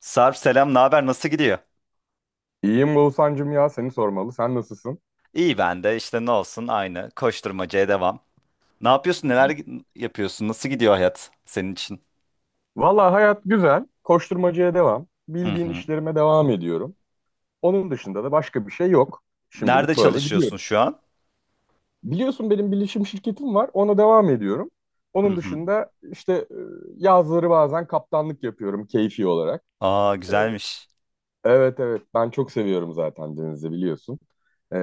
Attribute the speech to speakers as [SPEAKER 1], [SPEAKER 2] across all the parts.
[SPEAKER 1] Sarp selam, ne haber? Nasıl gidiyor?
[SPEAKER 2] İyiyim Oğuzhan'cım ya seni sormalı. Sen nasılsın?
[SPEAKER 1] İyi ben de işte ne olsun aynı koşturmacaya devam. Ne yapıyorsun? Neler yapıyorsun? Nasıl gidiyor hayat senin için?
[SPEAKER 2] Valla hayat güzel. Koşturmacaya devam.
[SPEAKER 1] Hı
[SPEAKER 2] Bildiğin
[SPEAKER 1] hı.
[SPEAKER 2] işlerime devam ediyorum. Onun dışında da başka bir şey yok.
[SPEAKER 1] Nerede
[SPEAKER 2] Şimdilik böyle
[SPEAKER 1] çalışıyorsun
[SPEAKER 2] gidiyoruz.
[SPEAKER 1] şu an?
[SPEAKER 2] Biliyorsun benim bilişim şirketim var. Ona devam ediyorum.
[SPEAKER 1] Hı
[SPEAKER 2] Onun
[SPEAKER 1] hı.
[SPEAKER 2] dışında işte yazları bazen kaptanlık yapıyorum keyfi olarak.
[SPEAKER 1] Aa
[SPEAKER 2] E,
[SPEAKER 1] güzelmiş.
[SPEAKER 2] Evet, evet, ben çok seviyorum zaten, denizi biliyorsun. E,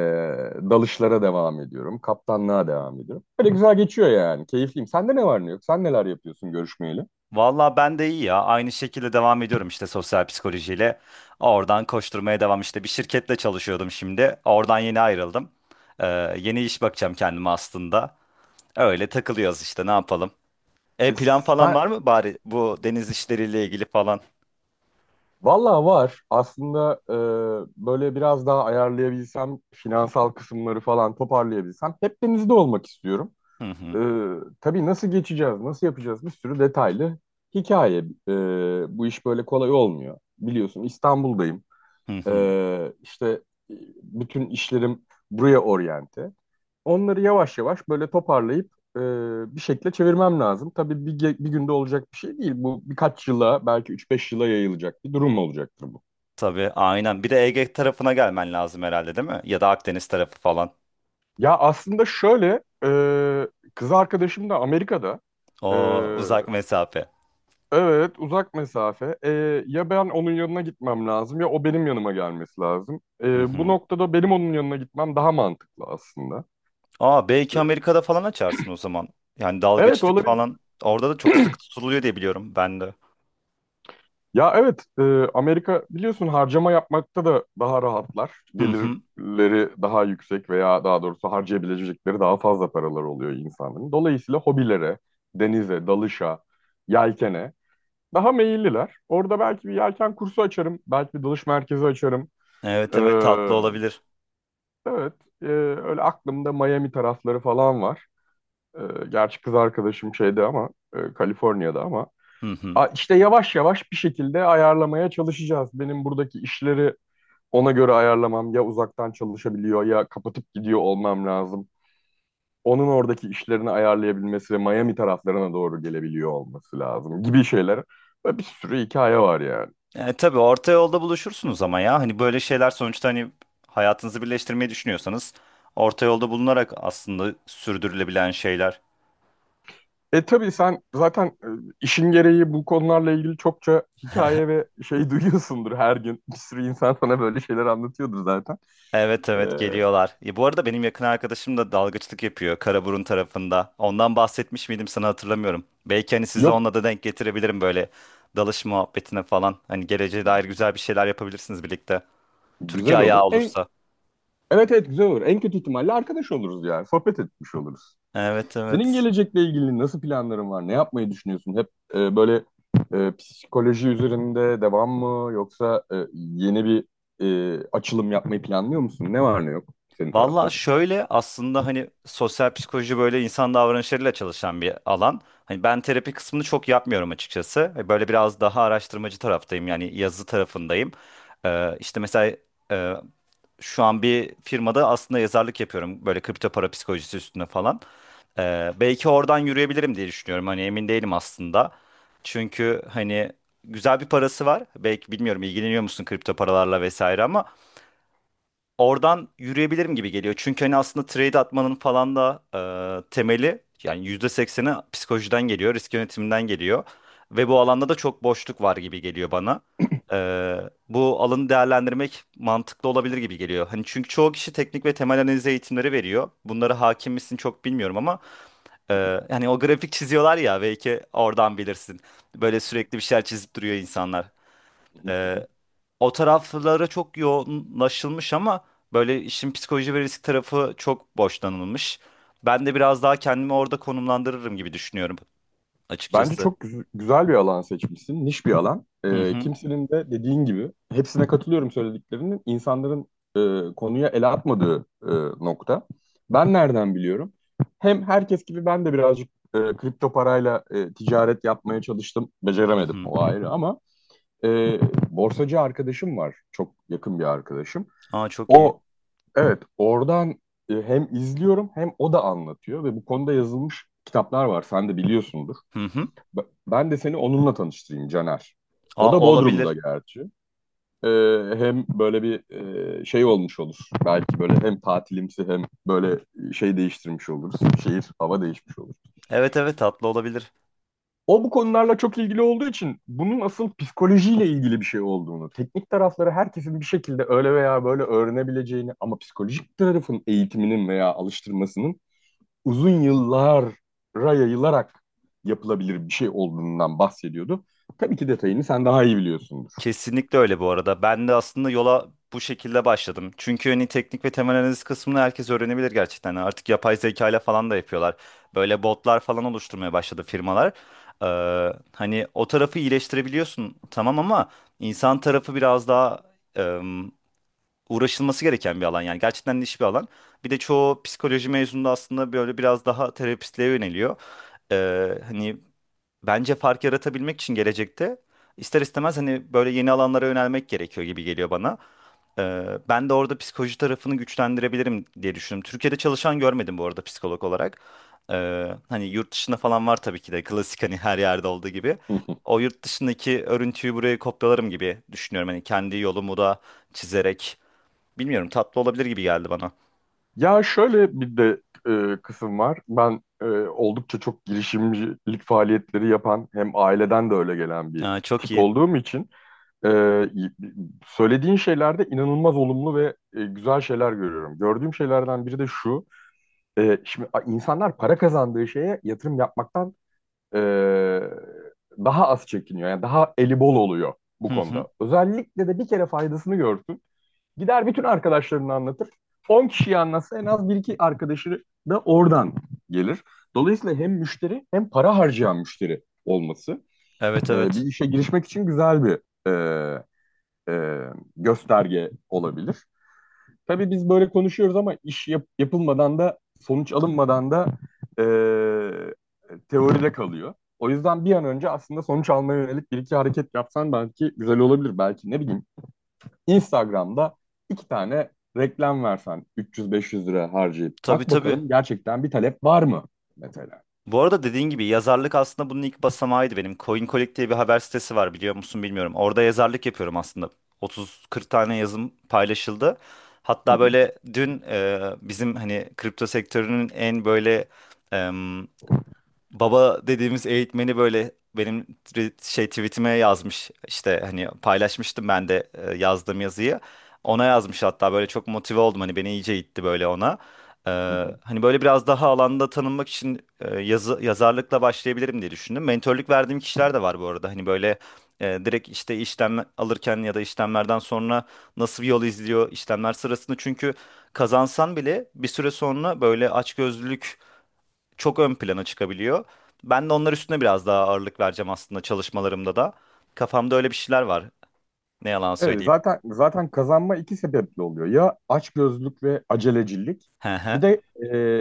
[SPEAKER 2] dalışlara devam ediyorum. Kaptanlığa devam ediyorum. Böyle güzel geçiyor yani. Keyifliyim. Sende ne var ne yok? Sen neler yapıyorsun görüşmeyeli?
[SPEAKER 1] Valla ben de iyi ya. Aynı şekilde devam ediyorum işte sosyal psikolojiyle. Oradan koşturmaya devam işte. Bir şirketle çalışıyordum şimdi. Oradan yeni ayrıldım. Ee, Yeni iş bakacağım kendime aslında. Öyle takılıyoruz işte ne yapalım. E
[SPEAKER 2] E,
[SPEAKER 1] plan falan
[SPEAKER 2] Sen,
[SPEAKER 1] var mı bari bu deniz işleriyle ilgili falan?
[SPEAKER 2] valla var. Aslında böyle biraz daha ayarlayabilsem, finansal kısımları falan toparlayabilsem hep denizde olmak istiyorum.
[SPEAKER 1] Hı
[SPEAKER 2] E,
[SPEAKER 1] hı.
[SPEAKER 2] tabii nasıl geçeceğiz, nasıl yapacağız, bir sürü detaylı hikaye. E, bu iş böyle kolay olmuyor. Biliyorsun İstanbul'dayım.
[SPEAKER 1] Hı hı.
[SPEAKER 2] E, işte e, bütün işlerim buraya oryante. Onları yavaş yavaş böyle toparlayıp e, bir şekilde çevirmem lazım. Tabii bir günde olacak bir şey değil. Bu birkaç yıla, belki üç beş yıla yayılacak bir durum olacaktır bu.
[SPEAKER 1] Tabii aynen. Bir de Ege tarafına gelmen lazım herhalde değil mi? Ya da Akdeniz tarafı falan.
[SPEAKER 2] Ya aslında şöyle kız arkadaşım da Amerika'da. E,
[SPEAKER 1] O uzak mesafe.
[SPEAKER 2] evet, uzak mesafe. Ya ben onun yanına gitmem lazım ya o benim yanıma gelmesi lazım.
[SPEAKER 1] Hı
[SPEAKER 2] Bu
[SPEAKER 1] hı.
[SPEAKER 2] noktada benim onun yanına gitmem daha mantıklı aslında.
[SPEAKER 1] Aa belki Amerika'da falan açarsın o zaman. Yani
[SPEAKER 2] Evet,
[SPEAKER 1] dalgıçlık
[SPEAKER 2] olabilir.
[SPEAKER 1] falan. Orada da çok sık tutuluyor diye biliyorum ben de.
[SPEAKER 2] Ya evet, Amerika biliyorsun harcama yapmakta da daha rahatlar.
[SPEAKER 1] Hı hı.
[SPEAKER 2] Gelirleri daha yüksek veya daha doğrusu harcayabilecekleri daha fazla paralar oluyor insanların. Dolayısıyla hobilere, denize, dalışa, yelkene daha meyilliler. Orada belki bir yelken kursu açarım, belki bir dalış merkezi açarım.
[SPEAKER 1] Evet,
[SPEAKER 2] E,
[SPEAKER 1] evet, tatlı olabilir.
[SPEAKER 2] evet, e, öyle aklımda Miami tarafları falan var. E, gerçi kız arkadaşım şeyde ama, Kaliforniya'da ama.
[SPEAKER 1] Hı hı.
[SPEAKER 2] A- işte yavaş yavaş bir şekilde ayarlamaya çalışacağız. Benim buradaki işleri ona göre ayarlamam, ya uzaktan çalışabiliyor ya kapatıp gidiyor olmam lazım. Onun oradaki işlerini ayarlayabilmesi ve Miami taraflarına doğru gelebiliyor olması lazım gibi şeyler. Ve bir sürü hikaye var yani.
[SPEAKER 1] Tabii orta yolda buluşursunuz ama ya. Hani böyle şeyler sonuçta hani hayatınızı birleştirmeyi düşünüyorsanız orta yolda bulunarak aslında sürdürülebilen şeyler.
[SPEAKER 2] Tabii sen zaten işin gereği bu konularla ilgili çokça hikaye ve şey duyuyorsundur her gün. Bir sürü insan sana böyle şeyler anlatıyordur zaten.
[SPEAKER 1] Evet,
[SPEAKER 2] E,
[SPEAKER 1] evet, geliyorlar. Bu arada benim yakın arkadaşım da dalgıçlık yapıyor Karaburun tarafında. Ondan bahsetmiş miydim sana hatırlamıyorum. Belki hani sizi
[SPEAKER 2] yok,
[SPEAKER 1] onunla da denk getirebilirim böyle dalış muhabbetine falan. Hani geleceğe dair güzel bir şeyler yapabilirsiniz birlikte. Türkiye
[SPEAKER 2] güzel
[SPEAKER 1] ayağı
[SPEAKER 2] olur.
[SPEAKER 1] olursa.
[SPEAKER 2] Evet, evet, güzel olur. En kötü ihtimalle arkadaş oluruz yani. Sohbet etmiş oluruz.
[SPEAKER 1] Evet,
[SPEAKER 2] Senin
[SPEAKER 1] evet.
[SPEAKER 2] gelecekle ilgili nasıl planların var? Ne yapmayı düşünüyorsun? Hep böyle psikoloji üzerinde devam mı? Yoksa yeni bir açılım yapmayı planlıyor musun? Ne var ne yok senin
[SPEAKER 1] Valla
[SPEAKER 2] tarafta?
[SPEAKER 1] şöyle aslında hani sosyal psikoloji böyle insan davranışlarıyla çalışan bir alan. Hani ben terapi kısmını çok yapmıyorum açıkçası. Böyle biraz daha araştırmacı taraftayım yani yazı tarafındayım. İşte mesela e, şu an bir firmada aslında yazarlık yapıyorum. Böyle kripto para psikolojisi üstüne falan. Belki oradan yürüyebilirim diye düşünüyorum. Hani emin değilim aslında. Çünkü hani güzel bir parası var. Belki bilmiyorum ilgileniyor musun kripto paralarla vesaire ama oradan yürüyebilirim gibi geliyor. Çünkü hani aslında trade atmanın falan da temeli yani %80'i psikolojiden geliyor, risk yönetiminden geliyor. Ve bu alanda da çok boşluk var gibi geliyor bana. E, bu alanı değerlendirmek mantıklı olabilir gibi geliyor. Hani çünkü çoğu kişi teknik ve temel analiz eğitimleri veriyor. Bunlara hakim misin çok bilmiyorum ama e, yani o grafik çiziyorlar ya belki oradan bilirsin. Böyle sürekli bir şeyler çizip duruyor insanlar. E, o taraflara çok yoğunlaşılmış ama böyle işin psikoloji ve risk tarafı çok boşlanılmış. Ben de biraz daha kendimi orada konumlandırırım gibi düşünüyorum
[SPEAKER 2] Bence
[SPEAKER 1] açıkçası.
[SPEAKER 2] çok güzel bir alan seçmişsin, niş bir alan.
[SPEAKER 1] Hı
[SPEAKER 2] Ee,
[SPEAKER 1] hı.
[SPEAKER 2] kimsenin de dediğin gibi, hepsine katılıyorum söylediklerinin, insanların e, konuya el atmadığı nokta. Ben nereden biliyorum? Hem herkes gibi ben de birazcık kripto parayla ticaret yapmaya çalıştım,
[SPEAKER 1] Hı
[SPEAKER 2] beceremedim,
[SPEAKER 1] hı.
[SPEAKER 2] o ayrı, ama e, borsacı arkadaşım var, çok yakın bir arkadaşım.
[SPEAKER 1] Aa, çok iyi.
[SPEAKER 2] O, evet, oradan hem izliyorum hem o da anlatıyor ve bu konuda yazılmış kitaplar var, sen de biliyorsundur.
[SPEAKER 1] Hı hı.
[SPEAKER 2] B- Ben de seni onunla tanıştırayım Caner. O
[SPEAKER 1] Aa,
[SPEAKER 2] da Bodrum'da
[SPEAKER 1] olabilir.
[SPEAKER 2] gerçi. Ee, hem böyle bir şey olmuş olur. Belki böyle hem tatilimsi hem böyle şey değiştirmiş oluruz. Şehir, hava değişmiş olur.
[SPEAKER 1] Evet, evet, tatlı olabilir.
[SPEAKER 2] O bu konularla çok ilgili olduğu için bunun asıl psikolojiyle ilgili bir şey olduğunu, teknik tarafları herkesin bir şekilde öyle veya böyle öğrenebileceğini ama psikolojik tarafın eğitiminin veya alıştırmasının uzun yıllara yayılarak yapılabilir bir şey olduğundan bahsediyordu. Tabii ki detayını sen daha iyi biliyorsundur.
[SPEAKER 1] Kesinlikle öyle bu arada. Ben de aslında yola bu şekilde başladım. Çünkü hani teknik ve temel analiz kısmını herkes öğrenebilir gerçekten. Yani artık yapay zeka ile falan da yapıyorlar. Böyle botlar falan oluşturmaya başladı firmalar. Hani o tarafı iyileştirebiliyorsun tamam ama insan tarafı biraz daha em, uğraşılması gereken bir alan. Yani gerçekten niş bir alan. Bir de çoğu psikoloji mezunu da aslında böyle biraz daha terapistliğe yöneliyor. Hani bence fark yaratabilmek için gelecekte ister istemez hani böyle yeni alanlara yönelmek gerekiyor gibi geliyor bana. Ben de orada psikoloji tarafını güçlendirebilirim diye düşündüm. Türkiye'de çalışan görmedim bu arada psikolog olarak. Hani yurt dışında falan var tabii ki de klasik hani her yerde olduğu gibi. O yurt dışındaki örüntüyü buraya kopyalarım gibi düşünüyorum. Hani kendi yolumu da çizerek bilmiyorum tatlı olabilir gibi geldi bana.
[SPEAKER 2] Ya şöyle bir de kısım var. Ben oldukça çok girişimcilik faaliyetleri yapan, hem aileden de öyle gelen bir
[SPEAKER 1] Aa, çok
[SPEAKER 2] tip
[SPEAKER 1] iyi.
[SPEAKER 2] olduğum için e, söylediğin şeylerde inanılmaz olumlu ve güzel şeyler görüyorum. Gördüğüm şeylerden biri de şu. Şimdi insanlar para kazandığı şeye yatırım yapmaktan e, daha az çekiniyor. Yani daha eli bol oluyor bu
[SPEAKER 1] Hı hı.
[SPEAKER 2] konuda. Özellikle de bir kere faydasını görsün. Gider bütün arkadaşlarını anlatır. 10 kişiyi anlatsa en az bir iki arkadaşı da oradan gelir. Dolayısıyla hem müşteri hem para harcayan müşteri olması
[SPEAKER 1] Evet,
[SPEAKER 2] bir
[SPEAKER 1] evet.
[SPEAKER 2] işe girişmek için güzel bir e, e, gösterge olabilir. Tabii biz böyle konuşuyoruz ama iş yapılmadan da, sonuç alınmadan da eee, teoride kalıyor. O yüzden bir an önce aslında sonuç almaya yönelik bir iki hareket yapsan belki güzel olabilir. Belki ne bileyim, Instagram'da iki tane reklam versen, 300-500 lira harcayıp
[SPEAKER 1] Tabii,
[SPEAKER 2] bak
[SPEAKER 1] tabii.
[SPEAKER 2] bakalım gerçekten bir talep var mı mesela?
[SPEAKER 1] Bu arada dediğin gibi yazarlık aslında bunun ilk basamağıydı benim. CoinColic diye bir haber sitesi var biliyor musun bilmiyorum. Orada yazarlık yapıyorum aslında. 30-40 tane yazım paylaşıldı.
[SPEAKER 2] Hı
[SPEAKER 1] Hatta
[SPEAKER 2] hı,
[SPEAKER 1] böyle dün bizim hani kripto sektörünün en böyle baba dediğimiz eğitmeni böyle benim şey tweetime yazmış, işte hani paylaşmıştım ben de yazdığım yazıyı, ona yazmış hatta, böyle çok motive oldum, hani beni iyice itti böyle ona. Ee,
[SPEAKER 2] hı hı.
[SPEAKER 1] Hani böyle biraz daha alanda tanınmak için yazı yazarlıkla başlayabilirim diye düşündüm. Mentörlük verdiğim kişiler de var bu arada, hani böyle direkt işte işlem alırken ya da işlemlerden sonra nasıl bir yol izliyor işlemler sırasında, çünkü kazansan bile bir süre sonra böyle açgözlülük çok ön plana çıkabiliyor. Ben de onlar üstüne biraz daha ağırlık vereceğim aslında çalışmalarımda da. Kafamda öyle bir şeyler var. Ne yalan
[SPEAKER 2] Evet,
[SPEAKER 1] söyleyeyim.
[SPEAKER 2] zaten kazanma iki sebeple oluyor. Ya açgözlülük ve acelecilik.
[SPEAKER 1] Hı hı.
[SPEAKER 2] Bir de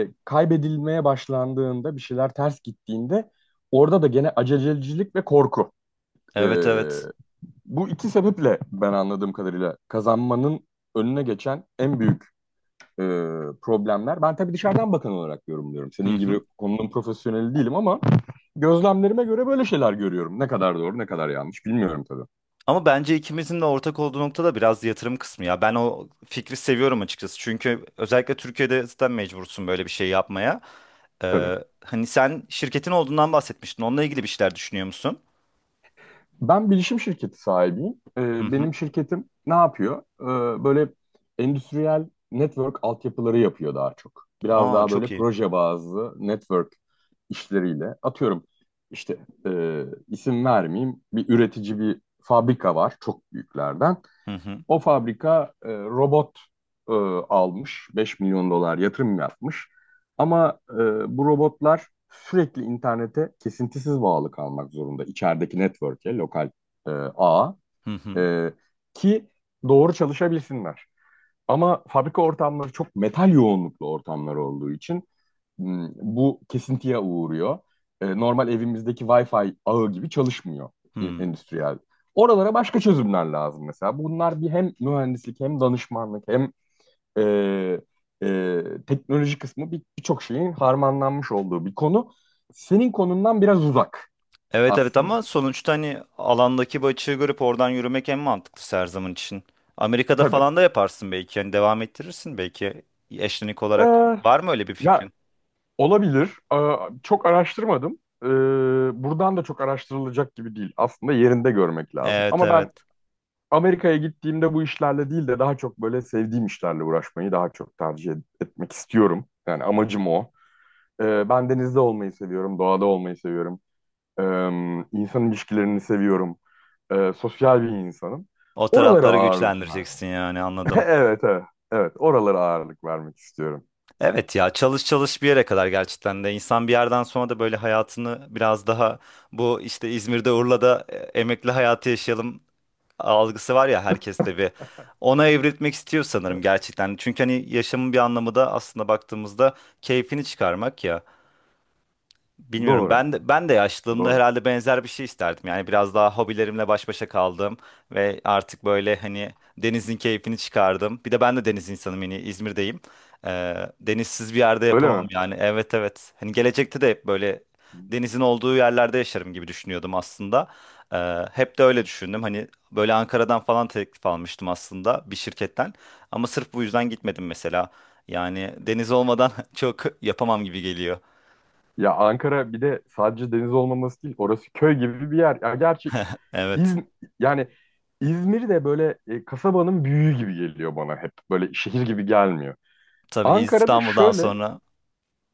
[SPEAKER 2] kaybedilmeye başlandığında, bir şeyler ters gittiğinde, orada da gene acelecilik ve korku. E,
[SPEAKER 1] Evet, evet.
[SPEAKER 2] bu iki sebeple ben anladığım kadarıyla kazanmanın önüne geçen en büyük e, problemler. Ben tabii dışarıdan bakan olarak yorumluyorum.
[SPEAKER 1] Hı
[SPEAKER 2] Senin
[SPEAKER 1] hı.
[SPEAKER 2] gibi konunun profesyoneli değilim ama gözlemlerime göre böyle şeyler görüyorum. Ne kadar doğru, ne kadar yanlış bilmiyorum tabii.
[SPEAKER 1] Ama bence ikimizin de ortak olduğu nokta da biraz yatırım kısmı ya. Ben o fikri seviyorum açıkçası. Çünkü özellikle Türkiye'de zaten mecbursun böyle bir şey yapmaya.
[SPEAKER 2] Tabii.
[SPEAKER 1] Ee, Hani sen şirketin olduğundan bahsetmiştin. Onunla ilgili bir şeyler düşünüyor musun?
[SPEAKER 2] Ben bilişim şirketi sahibiyim.
[SPEAKER 1] Hı
[SPEAKER 2] Ee,
[SPEAKER 1] hı.
[SPEAKER 2] benim şirketim ne yapıyor? Böyle endüstriyel network altyapıları yapıyor daha çok. Biraz
[SPEAKER 1] Aa,
[SPEAKER 2] daha
[SPEAKER 1] çok
[SPEAKER 2] böyle
[SPEAKER 1] iyi.
[SPEAKER 2] proje bazlı network işleriyle. Atıyorum işte, isim vermeyeyim, bir üretici bir fabrika var çok büyüklerden.
[SPEAKER 1] Hı hı.
[SPEAKER 2] O fabrika robot e, almış, 5 milyon dolar yatırım yapmış. Ama bu robotlar sürekli internete kesintisiz bağlı kalmak zorunda. İçerideki network'e, lokal e, ağa
[SPEAKER 1] Hı hı.
[SPEAKER 2] e, ki doğru çalışabilsinler. Ama fabrika ortamları çok metal yoğunluklu ortamlar olduğu için bu kesintiye uğruyor. Normal evimizdeki Wi-Fi ağı gibi çalışmıyor
[SPEAKER 1] Hı.
[SPEAKER 2] endüstriyel. Oralara başka çözümler lazım mesela. Bunlar bir hem mühendislik hem danışmanlık hem e, teknoloji kısmı, birçok şeyin harmanlanmış olduğu bir konu. Senin konundan biraz uzak
[SPEAKER 1] Evet, evet,
[SPEAKER 2] aslında.
[SPEAKER 1] ama sonuçta hani alandaki bu açığı görüp oradan yürümek en mantıklısı her zaman için. Amerika'da
[SPEAKER 2] Tabii.
[SPEAKER 1] falan da yaparsın belki. Yani devam ettirirsin belki eşlenik olarak.
[SPEAKER 2] Ee,
[SPEAKER 1] Var mı öyle bir
[SPEAKER 2] ya
[SPEAKER 1] fikrin?
[SPEAKER 2] olabilir. Aa, çok araştırmadım. Buradan da çok araştırılacak gibi değil. Aslında yerinde görmek lazım.
[SPEAKER 1] Evet,
[SPEAKER 2] Ama ben
[SPEAKER 1] evet.
[SPEAKER 2] Amerika'ya gittiğimde bu işlerle değil de daha çok böyle sevdiğim işlerle uğraşmayı daha çok tercih etmek istiyorum. Yani amacım o. Ben denizde olmayı seviyorum, doğada olmayı seviyorum. Ee, insan ilişkilerini seviyorum. Sosyal bir insanım.
[SPEAKER 1] O
[SPEAKER 2] Oralara
[SPEAKER 1] tarafları
[SPEAKER 2] ağırlık vermek.
[SPEAKER 1] güçlendireceksin yani, anladım.
[SPEAKER 2] Evet, evet. Evet, oralara ağırlık vermek istiyorum.
[SPEAKER 1] Evet ya, çalış çalış bir yere kadar gerçekten de, insan bir yerden sonra da böyle hayatını biraz daha bu işte İzmir'de Urla'da emekli hayatı yaşayalım algısı var ya herkeste, bir ona evrilmek istiyor sanırım
[SPEAKER 2] Evet.
[SPEAKER 1] gerçekten. Çünkü hani yaşamın bir anlamı da aslında baktığımızda keyfini çıkarmak ya. Bilmiyorum.
[SPEAKER 2] Doğru,
[SPEAKER 1] Ben de yaşlılığımda
[SPEAKER 2] doğru.
[SPEAKER 1] herhalde benzer bir şey isterdim. Yani biraz daha hobilerimle baş başa kaldım ve artık böyle hani denizin keyfini çıkardım. Bir de ben de deniz insanım yani, İzmir'deyim. Denizsiz bir yerde
[SPEAKER 2] Öyle
[SPEAKER 1] yapamam
[SPEAKER 2] mi?
[SPEAKER 1] yani. Evet, evet. Hani gelecekte de hep böyle denizin olduğu yerlerde yaşarım gibi düşünüyordum aslında. Hep de öyle düşündüm. Hani böyle Ankara'dan falan teklif almıştım aslında bir şirketten. Ama sırf bu yüzden gitmedim mesela. Yani deniz olmadan çok yapamam gibi geliyor.
[SPEAKER 2] Ya Ankara bir de sadece deniz olmaması değil, orası köy gibi bir yer. Ya gerçi
[SPEAKER 1] Evet.
[SPEAKER 2] İz- yani İzmir de böyle kasabanın büyüğü gibi geliyor bana hep. Böyle şehir gibi gelmiyor.
[SPEAKER 1] Tabii,
[SPEAKER 2] Ankara'da
[SPEAKER 1] İstanbul'dan
[SPEAKER 2] şöyle,
[SPEAKER 1] sonra.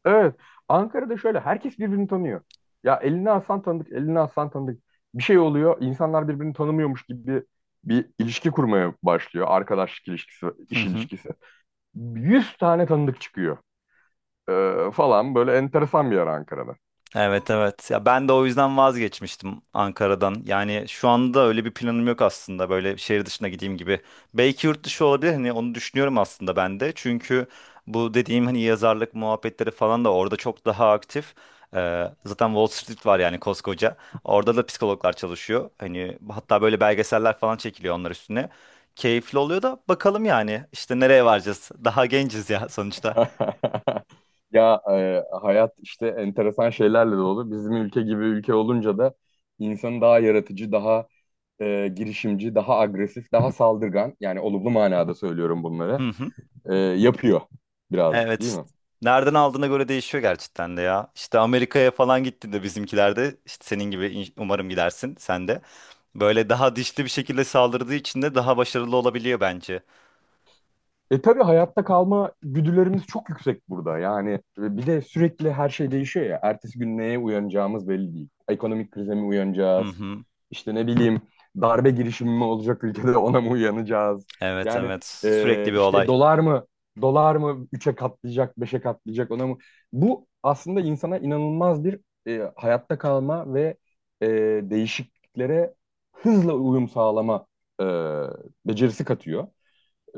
[SPEAKER 2] evet, Ankara'da şöyle herkes birbirini tanıyor. Ya elini alsan tanıdık, elini alsan tanıdık. Bir şey oluyor, insanlar birbirini tanımıyormuş gibi bir ilişki kurmaya başlıyor. Arkadaşlık ilişkisi,
[SPEAKER 1] Hı
[SPEAKER 2] iş
[SPEAKER 1] hı.
[SPEAKER 2] ilişkisi. 100 tane tanıdık çıkıyor falan, böyle enteresan bir yer Ankara'da.
[SPEAKER 1] Evet, evet. Ya ben de o yüzden vazgeçmiştim Ankara'dan. Yani şu anda öyle bir planım yok aslında. Böyle şehir dışına gideyim gibi. Belki yurt dışı olabilir. Hani onu düşünüyorum aslında ben de. Çünkü bu dediğim hani yazarlık muhabbetleri falan da orada çok daha aktif. Zaten Wall Street var yani koskoca. Orada da psikologlar çalışıyor. Hani hatta böyle belgeseller falan çekiliyor onlar üstüne. Keyifli oluyor da, bakalım yani işte nereye varacağız? Daha genciz ya sonuçta.
[SPEAKER 2] Ya hayat işte enteresan şeylerle dolu. Bizim ülke gibi ülke olunca da insanı daha yaratıcı, daha girişimci, daha agresif, daha saldırgan, yani olumlu manada söylüyorum bunları yapıyor birazcık, değil
[SPEAKER 1] Evet.
[SPEAKER 2] mi?
[SPEAKER 1] Nereden aldığına göre değişiyor gerçekten de ya. İşte Amerika'ya falan gittiğinde bizimkilerde, işte senin gibi umarım gidersin sen de. Böyle daha dişli bir şekilde saldırdığı için de daha başarılı olabiliyor bence.
[SPEAKER 2] Tabii hayatta kalma güdülerimiz çok yüksek burada. Yani bir de sürekli her şey değişiyor ya. Ertesi gün neye uyanacağımız belli değil. Ekonomik krize mi
[SPEAKER 1] Hı
[SPEAKER 2] uyanacağız?
[SPEAKER 1] hı.
[SPEAKER 2] İşte ne bileyim, darbe girişimi mi olacak ülkede, ona mı uyanacağız?
[SPEAKER 1] Evet,
[SPEAKER 2] Yani
[SPEAKER 1] evet. Sürekli bir
[SPEAKER 2] işte
[SPEAKER 1] olay.
[SPEAKER 2] dolar mı üçe katlayacak, beşe katlayacak, ona mı? Bu aslında insana inanılmaz bir hayatta kalma ve e, değişikliklere hızla uyum sağlama e, becerisi katıyor.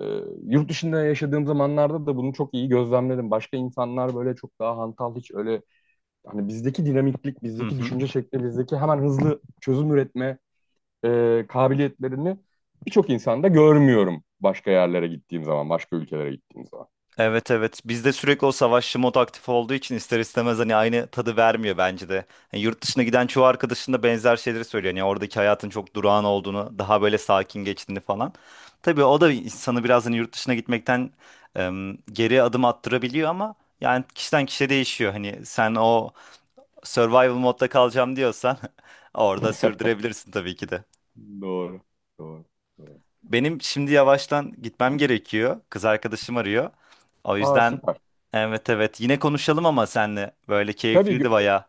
[SPEAKER 2] Ee, yurt dışında yaşadığım zamanlarda da bunu çok iyi gözlemledim. Başka insanlar böyle çok daha hantal, hiç öyle hani bizdeki dinamiklik,
[SPEAKER 1] Hı
[SPEAKER 2] bizdeki
[SPEAKER 1] hı.
[SPEAKER 2] düşünce şekli, bizdeki hemen hızlı çözüm üretme kabiliyetlerini birçok insanda görmüyorum başka yerlere gittiğim zaman, başka ülkelere gittiğim zaman.
[SPEAKER 1] Evet, evet. Bizde sürekli o savaşçı mod aktif olduğu için ister istemez hani aynı tadı vermiyor bence de. Yani yurt dışına giden çoğu arkadaşın da benzer şeyleri söylüyor. Yani oradaki hayatın çok durağan olduğunu, daha böyle sakin geçtiğini falan. Tabii o da insanı biraz hani yurt dışına gitmekten geri adım attırabiliyor ama yani kişiden kişiye değişiyor. Hani sen o survival modda kalacağım diyorsan orada sürdürebilirsin tabii ki de.
[SPEAKER 2] Doğru, doğru, doğru.
[SPEAKER 1] Benim şimdi yavaştan gitmem gerekiyor. Kız arkadaşım arıyor. O
[SPEAKER 2] Aa,
[SPEAKER 1] yüzden
[SPEAKER 2] süper.
[SPEAKER 1] evet, evet, yine konuşalım ama senle. Böyle
[SPEAKER 2] Tabii
[SPEAKER 1] keyifliydi bayağı.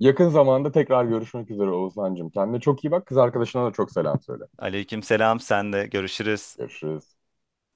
[SPEAKER 2] yakın zamanda tekrar görüşmek üzere Oğuzhan'cığım. Kendine çok iyi bak. Kız arkadaşına da çok selam söyle.
[SPEAKER 1] Aleyküm selam, sen de görüşürüz.
[SPEAKER 2] Görüşürüz.